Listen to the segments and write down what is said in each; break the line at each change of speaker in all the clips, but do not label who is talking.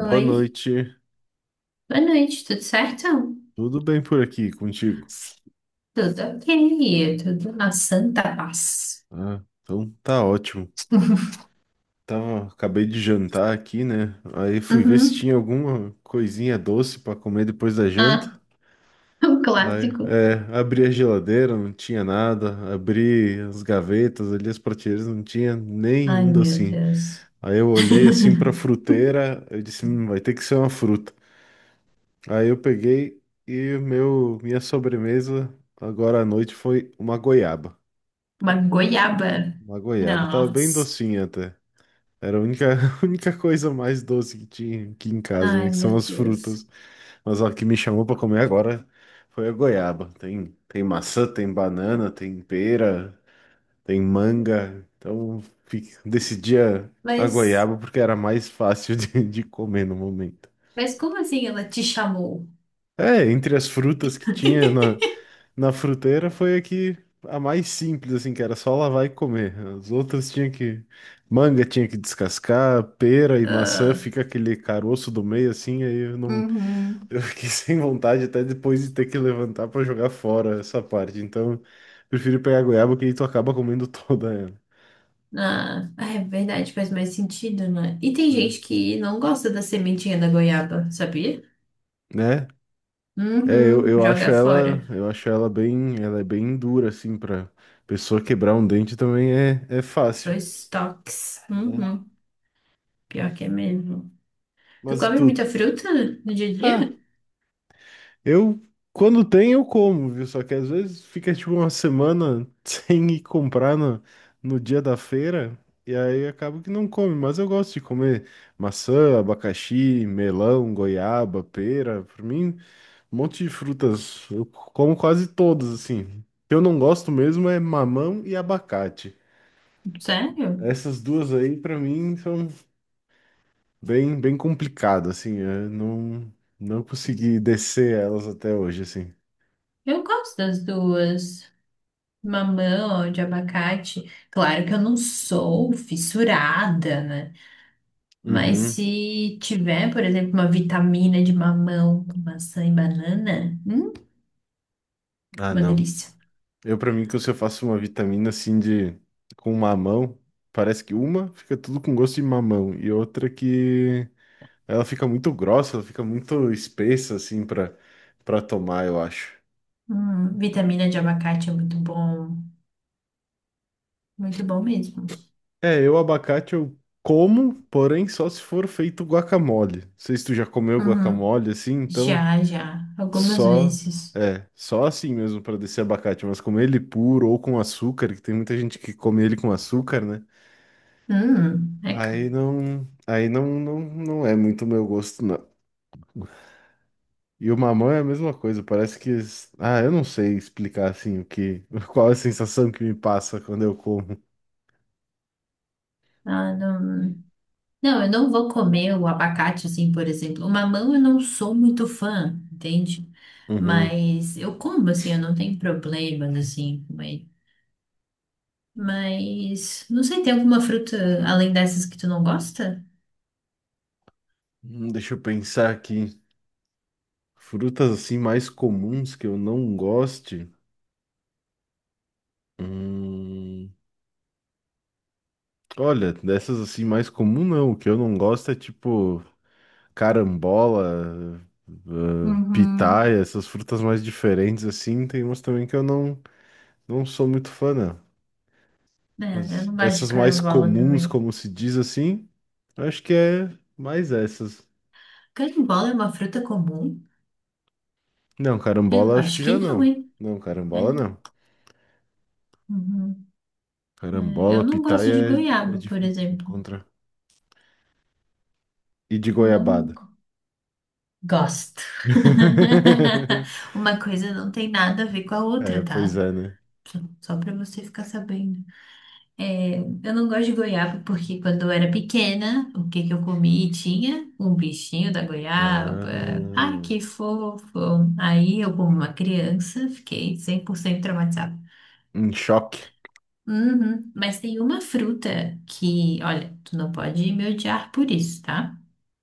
Boa noite.
boa noite, tudo certo?
Tudo bem por aqui contigo?
Tudo ok, tudo na santa paz.
Ah, então tá ótimo. Tava, acabei de jantar aqui, né? Aí fui ver se
Uhum.
tinha alguma coisinha doce pra comer depois da janta.
Ah, o
Aí,
clássico.
abri a geladeira, não tinha nada. Abri as gavetas ali, as prateleiras, não tinha
Ai,
nenhum
meu
docinho.
Deus.
Aí eu olhei assim pra fruteira, eu disse, vai ter que ser uma fruta." Aí eu peguei e minha sobremesa agora à noite foi uma goiaba.
Uma goiaba.
Uma goiaba tava bem
Nossa.
docinha até. Era a única, a única coisa mais doce que tinha aqui em casa, né?
Ai,
Que são
meu
as
Deus.
frutas. Mas ó, o que me chamou pra comer agora foi a goiaba. Tem maçã, tem banana, tem pera, tem manga. Então decidi a
Mas,
goiaba porque era mais fácil de comer no momento.
mas como assim ela te chamou?
É, entre as frutas que tinha na, Na fruteira foi a que a mais simples, assim, que era só lavar e comer. As outras tinha que. Manga tinha que descascar, pera e maçã
Ah,
fica aquele caroço do meio, assim, aí eu não.
uhum.
Eu fiquei sem vontade até depois de ter que levantar pra jogar fora essa parte. Então, eu prefiro pegar goiaba, que aí tu acaba comendo toda ela,
Ah, é verdade, faz mais sentido, né? E tem
né?
gente que não gosta da sementinha da goiaba, sabia?
Né? É, eu,
Uhum,
eu acho
joga fora.
ela, eu acho ela bem, ela é bem dura, assim, pra pessoa quebrar um dente também é fácil,
Dois toques.
né?
Uhum, pior que é mesmo. Tu
Mas e
come muita
tudo.
fruta no dia a dia?
Eu, quando tem, eu como, viu? Só que às vezes fica tipo uma semana sem ir comprar no dia da feira, e aí acabo que não come. Mas eu gosto de comer maçã, abacaxi, melão, goiaba, pera. Pra mim, um monte de frutas. Eu como quase todas, assim. O que eu não gosto mesmo é mamão e abacate.
Sério?
Essas duas aí, pra mim, são bem, bem complicadas, assim. Eu não consegui descer elas até hoje, assim.
Eu gosto das duas. Mamão, de abacate. Claro que eu não sou fissurada, né? Mas
Uhum.
se tiver, por exemplo, uma vitamina de mamão com maçã e banana,
Ah,
uma
não.
delícia.
Eu, pra mim, que se eu faço uma vitamina assim de com mamão, parece que uma fica tudo com gosto de mamão e outra que ela fica muito grossa, ela fica muito espessa assim pra para tomar, eu acho.
Vitamina de abacate é muito bom. Muito bom mesmo.
É, eu abacate eu como, porém só se for feito guacamole. Não sei se tu já comeu
Uhum.
guacamole assim, então
Já, já. Algumas
só
vezes.
só assim mesmo pra descer abacate, mas comer ele puro ou com açúcar, que tem muita gente que come ele com açúcar, né?
Eca.
Aí não, não, não é muito o meu gosto, não. E o mamão é a mesma coisa, parece que, eu não sei explicar assim o que, qual a sensação que me passa quando eu como.
Ah, não. Não, eu não vou comer o abacate assim, por exemplo. O mamão eu não sou muito fã, entende?
Uhum.
Mas eu como assim, eu não tenho problemas assim com ele. Mas não sei, tem alguma fruta além dessas que tu não gosta?
Deixa eu pensar aqui. Frutas assim mais comuns que eu não goste. Hum, olha, dessas assim mais comum não, o que eu não gosto é tipo carambola, ah, pitaia,
Uhum.
essas frutas mais diferentes assim, tem umas também que eu não sou muito fã, não.
É, eu
Mas
não gosto de
dessas mais
carambola
comuns,
também.
como se diz assim, eu acho que é mais essas.
Carambola é uma fruta comum?
Não,
Eu
carambola acho que
acho que
já
não,
não.
hein?
Não, carambola
É.
não.
Uhum. É, eu
Carambola,
não gosto de
pitaia é
goiaba, por
difícil de
exemplo.
encontrar. E de goiabada.
Não gosto. Uma coisa não tem nada a ver com a
É,
outra,
pois
tá?
é, né?
Só pra você ficar sabendo. É, eu não gosto de goiaba porque quando eu era pequena, o que que eu comi tinha um bichinho da goiaba.
Ah,
Ai, que fofo. Aí eu, como uma criança, fiquei 100% traumatizada.
um choque.
Uhum. Mas tem uma fruta que, olha, tu não pode me odiar por isso, tá?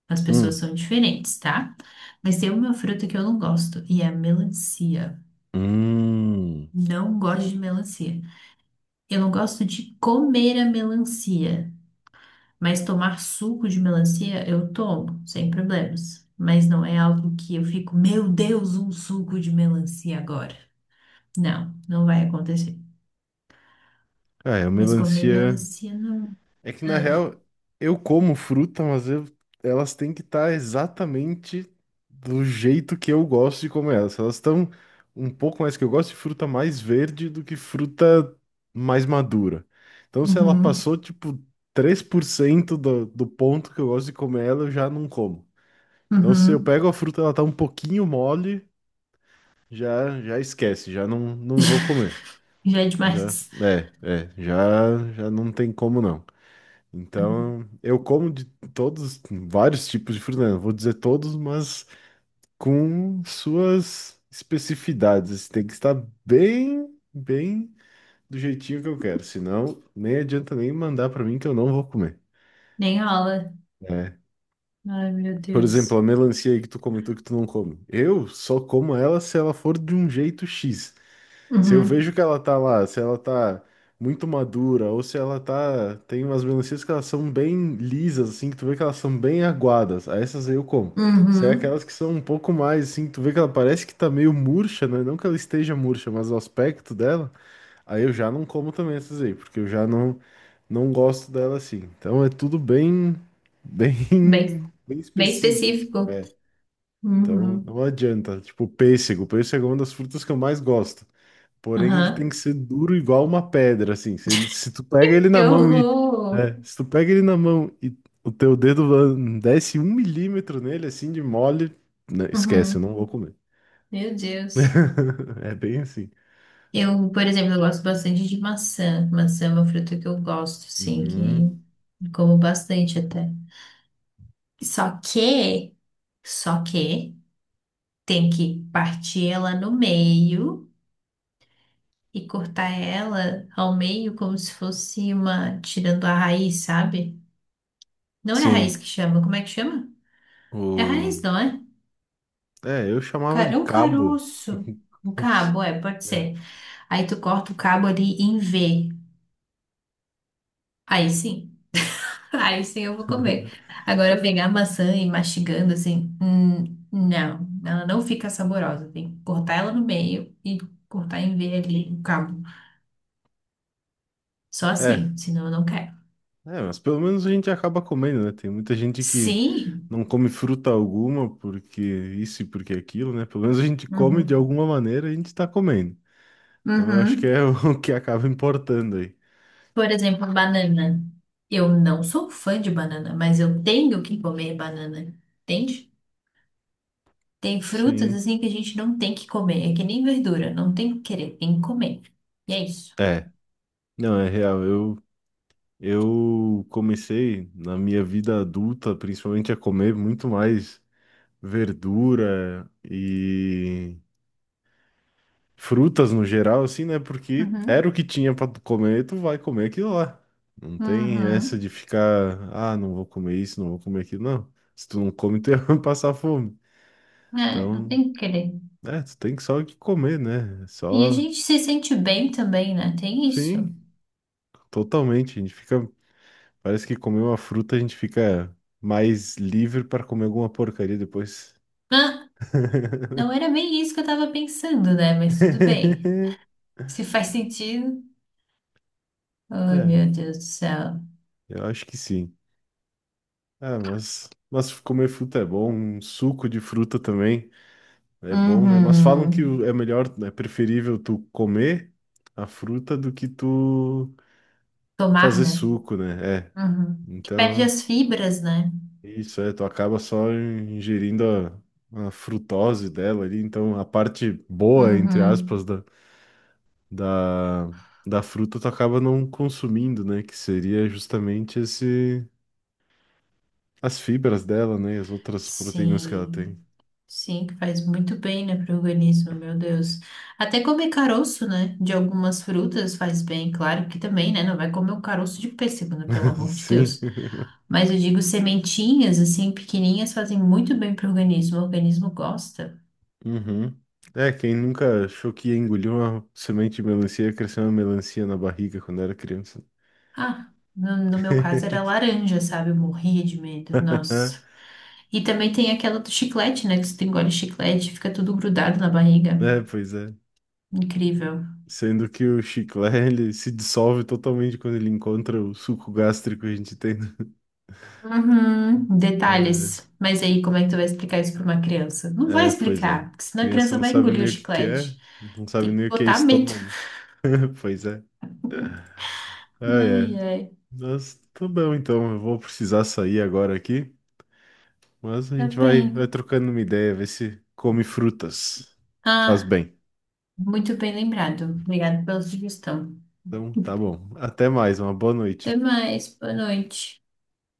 As pessoas
Hum.
são diferentes, tá? Mas tem uma fruta que eu não gosto e é a melancia.
Hum.
Não gosto de melancia. Eu não gosto de comer a melancia, mas tomar suco de melancia eu tomo, sem problemas. Mas não é algo que eu fico, meu Deus, um suco de melancia agora. Não, não vai acontecer.
Ah, é, a
Mas comer
melancia.
melancia não.
É que na
Ugh.
real, eu como fruta, mas elas têm que estar exatamente do jeito que eu gosto de comer elas. Elas estão um pouco mais que eu gosto de fruta mais verde do que fruta mais madura. Então, se ela
Uhum,
passou tipo 3% do ponto que eu gosto de comer ela, eu já não como. Então, se eu
uhum.
pego a fruta, ela tá um pouquinho mole, já já esquece, já não vou comer.
Já é
Já,
demais.
já já não tem como não. Então, eu como vários tipos de fruta, né? Não vou dizer todos, mas com suas especificidades. Assim, tem que estar bem, bem do jeitinho que eu quero, senão nem adianta nem mandar para mim que eu não vou comer.
Nem rola.
É.
Ai, meu
Por exemplo, a
Deus.
melancia aí que tu comentou que tu não come. Eu só como ela se ela for de um jeito X. Se eu vejo
Uhum.
que ela tá lá, se ela tá muito madura, ou se ela tá. Tem umas melancias que elas são bem lisas, assim, que tu vê que elas são bem aguadas. Aí essas aí eu como. Se é
Uhum.
aquelas que são um pouco mais, assim, tu vê que ela parece que tá meio murcha, né? Não que ela esteja murcha, mas o aspecto dela, aí eu já não como também essas aí, porque eu já não gosto dela assim. Então é tudo bem,
Bem,
bem, bem
bem
específico.
específico.
É. Então
Uhum.
não adianta. Tipo, pêssego. Pêssego é uma das frutas que eu mais gosto. Porém, ele tem que
Aham.
ser duro igual uma pedra, assim. Se ele, se tu pega ele na
Que
mão e.
horror.
É, se tu pega ele na mão e o teu dedo desce um milímetro nele, assim, de mole, né, esquece, eu não
Uhum.
vou comer.
Meu Deus.
É bem assim.
Eu, por exemplo, eu gosto bastante de maçã. Maçã é uma fruta que eu gosto, sim,
Uhum.
que como bastante até. Só que, só que tem que partir ela no meio e cortar ela ao meio como se fosse uma, tirando a raiz, sabe? Não é a raiz
Sim.
que chama, como é que chama? É a
O...
raiz, não é?
É, eu chamava de
Cara- Um
cabo.
caroço. Um cabo, é, pode
É.
ser. Aí tu corta o cabo ali em V. Aí sim. Aí sim eu vou comer. Agora pegar a maçã e ir mastigando assim, não, ela não fica saborosa. Tem que cortar ela no meio e cortar em V ali o cabo. Só
É,
assim, senão eu não quero.
é, mas pelo menos a gente acaba comendo, né? Tem muita gente que
Sim.
não come fruta alguma porque isso e porque aquilo, né? Pelo menos a gente come de
Uhum.
alguma maneira, a gente tá comendo. Então eu acho que
Uhum.
é o que acaba importando aí.
Por exemplo, banana. Eu não sou fã de banana, mas eu tenho que comer banana. Entende? Tem frutas
Sim.
assim que a gente não tem que comer, é que nem verdura, não tem que querer, tem que comer. E é isso.
É. Não, é real. Eu comecei na minha vida adulta, principalmente a comer muito mais verdura e frutas no geral, assim, né? Porque era
Uhum.
o que tinha pra tu comer, tu vai comer aquilo lá. Não tem essa
Uhum.
de ficar, ah, não vou comer isso, não vou comer aquilo, não. Se tu não come, tu vai passar fome.
É, não
Então,
tem que querer.
é, tu tem que só que comer, né? É
E a
só.
gente se sente bem também, né? Tem isso.
Sim. Totalmente, a gente fica. Parece que comer uma fruta a gente fica mais livre para comer alguma porcaria depois.
Ah, não era bem isso que eu tava pensando, né? Mas tudo bem. Se faz sentido. Ai,
É,
meu Deus do céu.
eu acho que sim. Ah, mas comer fruta é bom, um suco de fruta também é bom, né? Mas falam que
Uhum.
é melhor, é preferível tu comer a fruta do que tu
Tomar,
fazer
né?
suco, né? É.
Uhum. Que perde
Então,
as fibras, né?
isso é, tu acaba só ingerindo a frutose dela ali, então a parte boa, entre aspas,
Uhum.
da, da fruta, tu acaba não consumindo, né? Que seria justamente esse, as fibras dela, né? E as outras proteínas que ela
Sim.
tem.
Sim, que faz muito bem, né, para o organismo, meu Deus. Até comer caroço, né, de algumas frutas faz bem, claro que também, né, não vai comer o caroço de pêssego, né, pelo amor de
Sim.
Deus. Mas eu digo sementinhas, assim, pequenininhas, fazem muito bem para o organismo gosta.
Uhum. É, quem nunca achou que ia engolir uma semente de melancia e ia crescer uma melancia na barriga quando era criança.
Ah, no meu caso era laranja, sabe, eu morria de medo, nossa. E também tem aquela do chiclete, né, que você engole chiclete, fica tudo grudado na barriga.
É, pois é.
Incrível.
Sendo que o chiclé, ele se dissolve totalmente quando ele encontra o suco gástrico que a gente tem.
Uhum,
Né?
detalhes. Mas aí, como é que tu vai explicar isso pra uma criança? Não vai
Pois é.
explicar, porque senão a
Criança
criança
não
vai
sabe
engolir o
nem o que que é,
chiclete.
não sabe
Tem que
nem o que é
botar medo.
estômago. Pois é. Ah,
Ai,
é.
ai.
Mas tá bom, então. Eu vou precisar sair agora aqui. Mas a
Tá
gente vai
bem.
trocando uma ideia, ver se come frutas. Faz
Ah,
bem.
muito bem lembrado. Obrigada pela sugestão.
Então, tá bom. Até mais. Uma boa
Até
noite.
mais. Boa noite.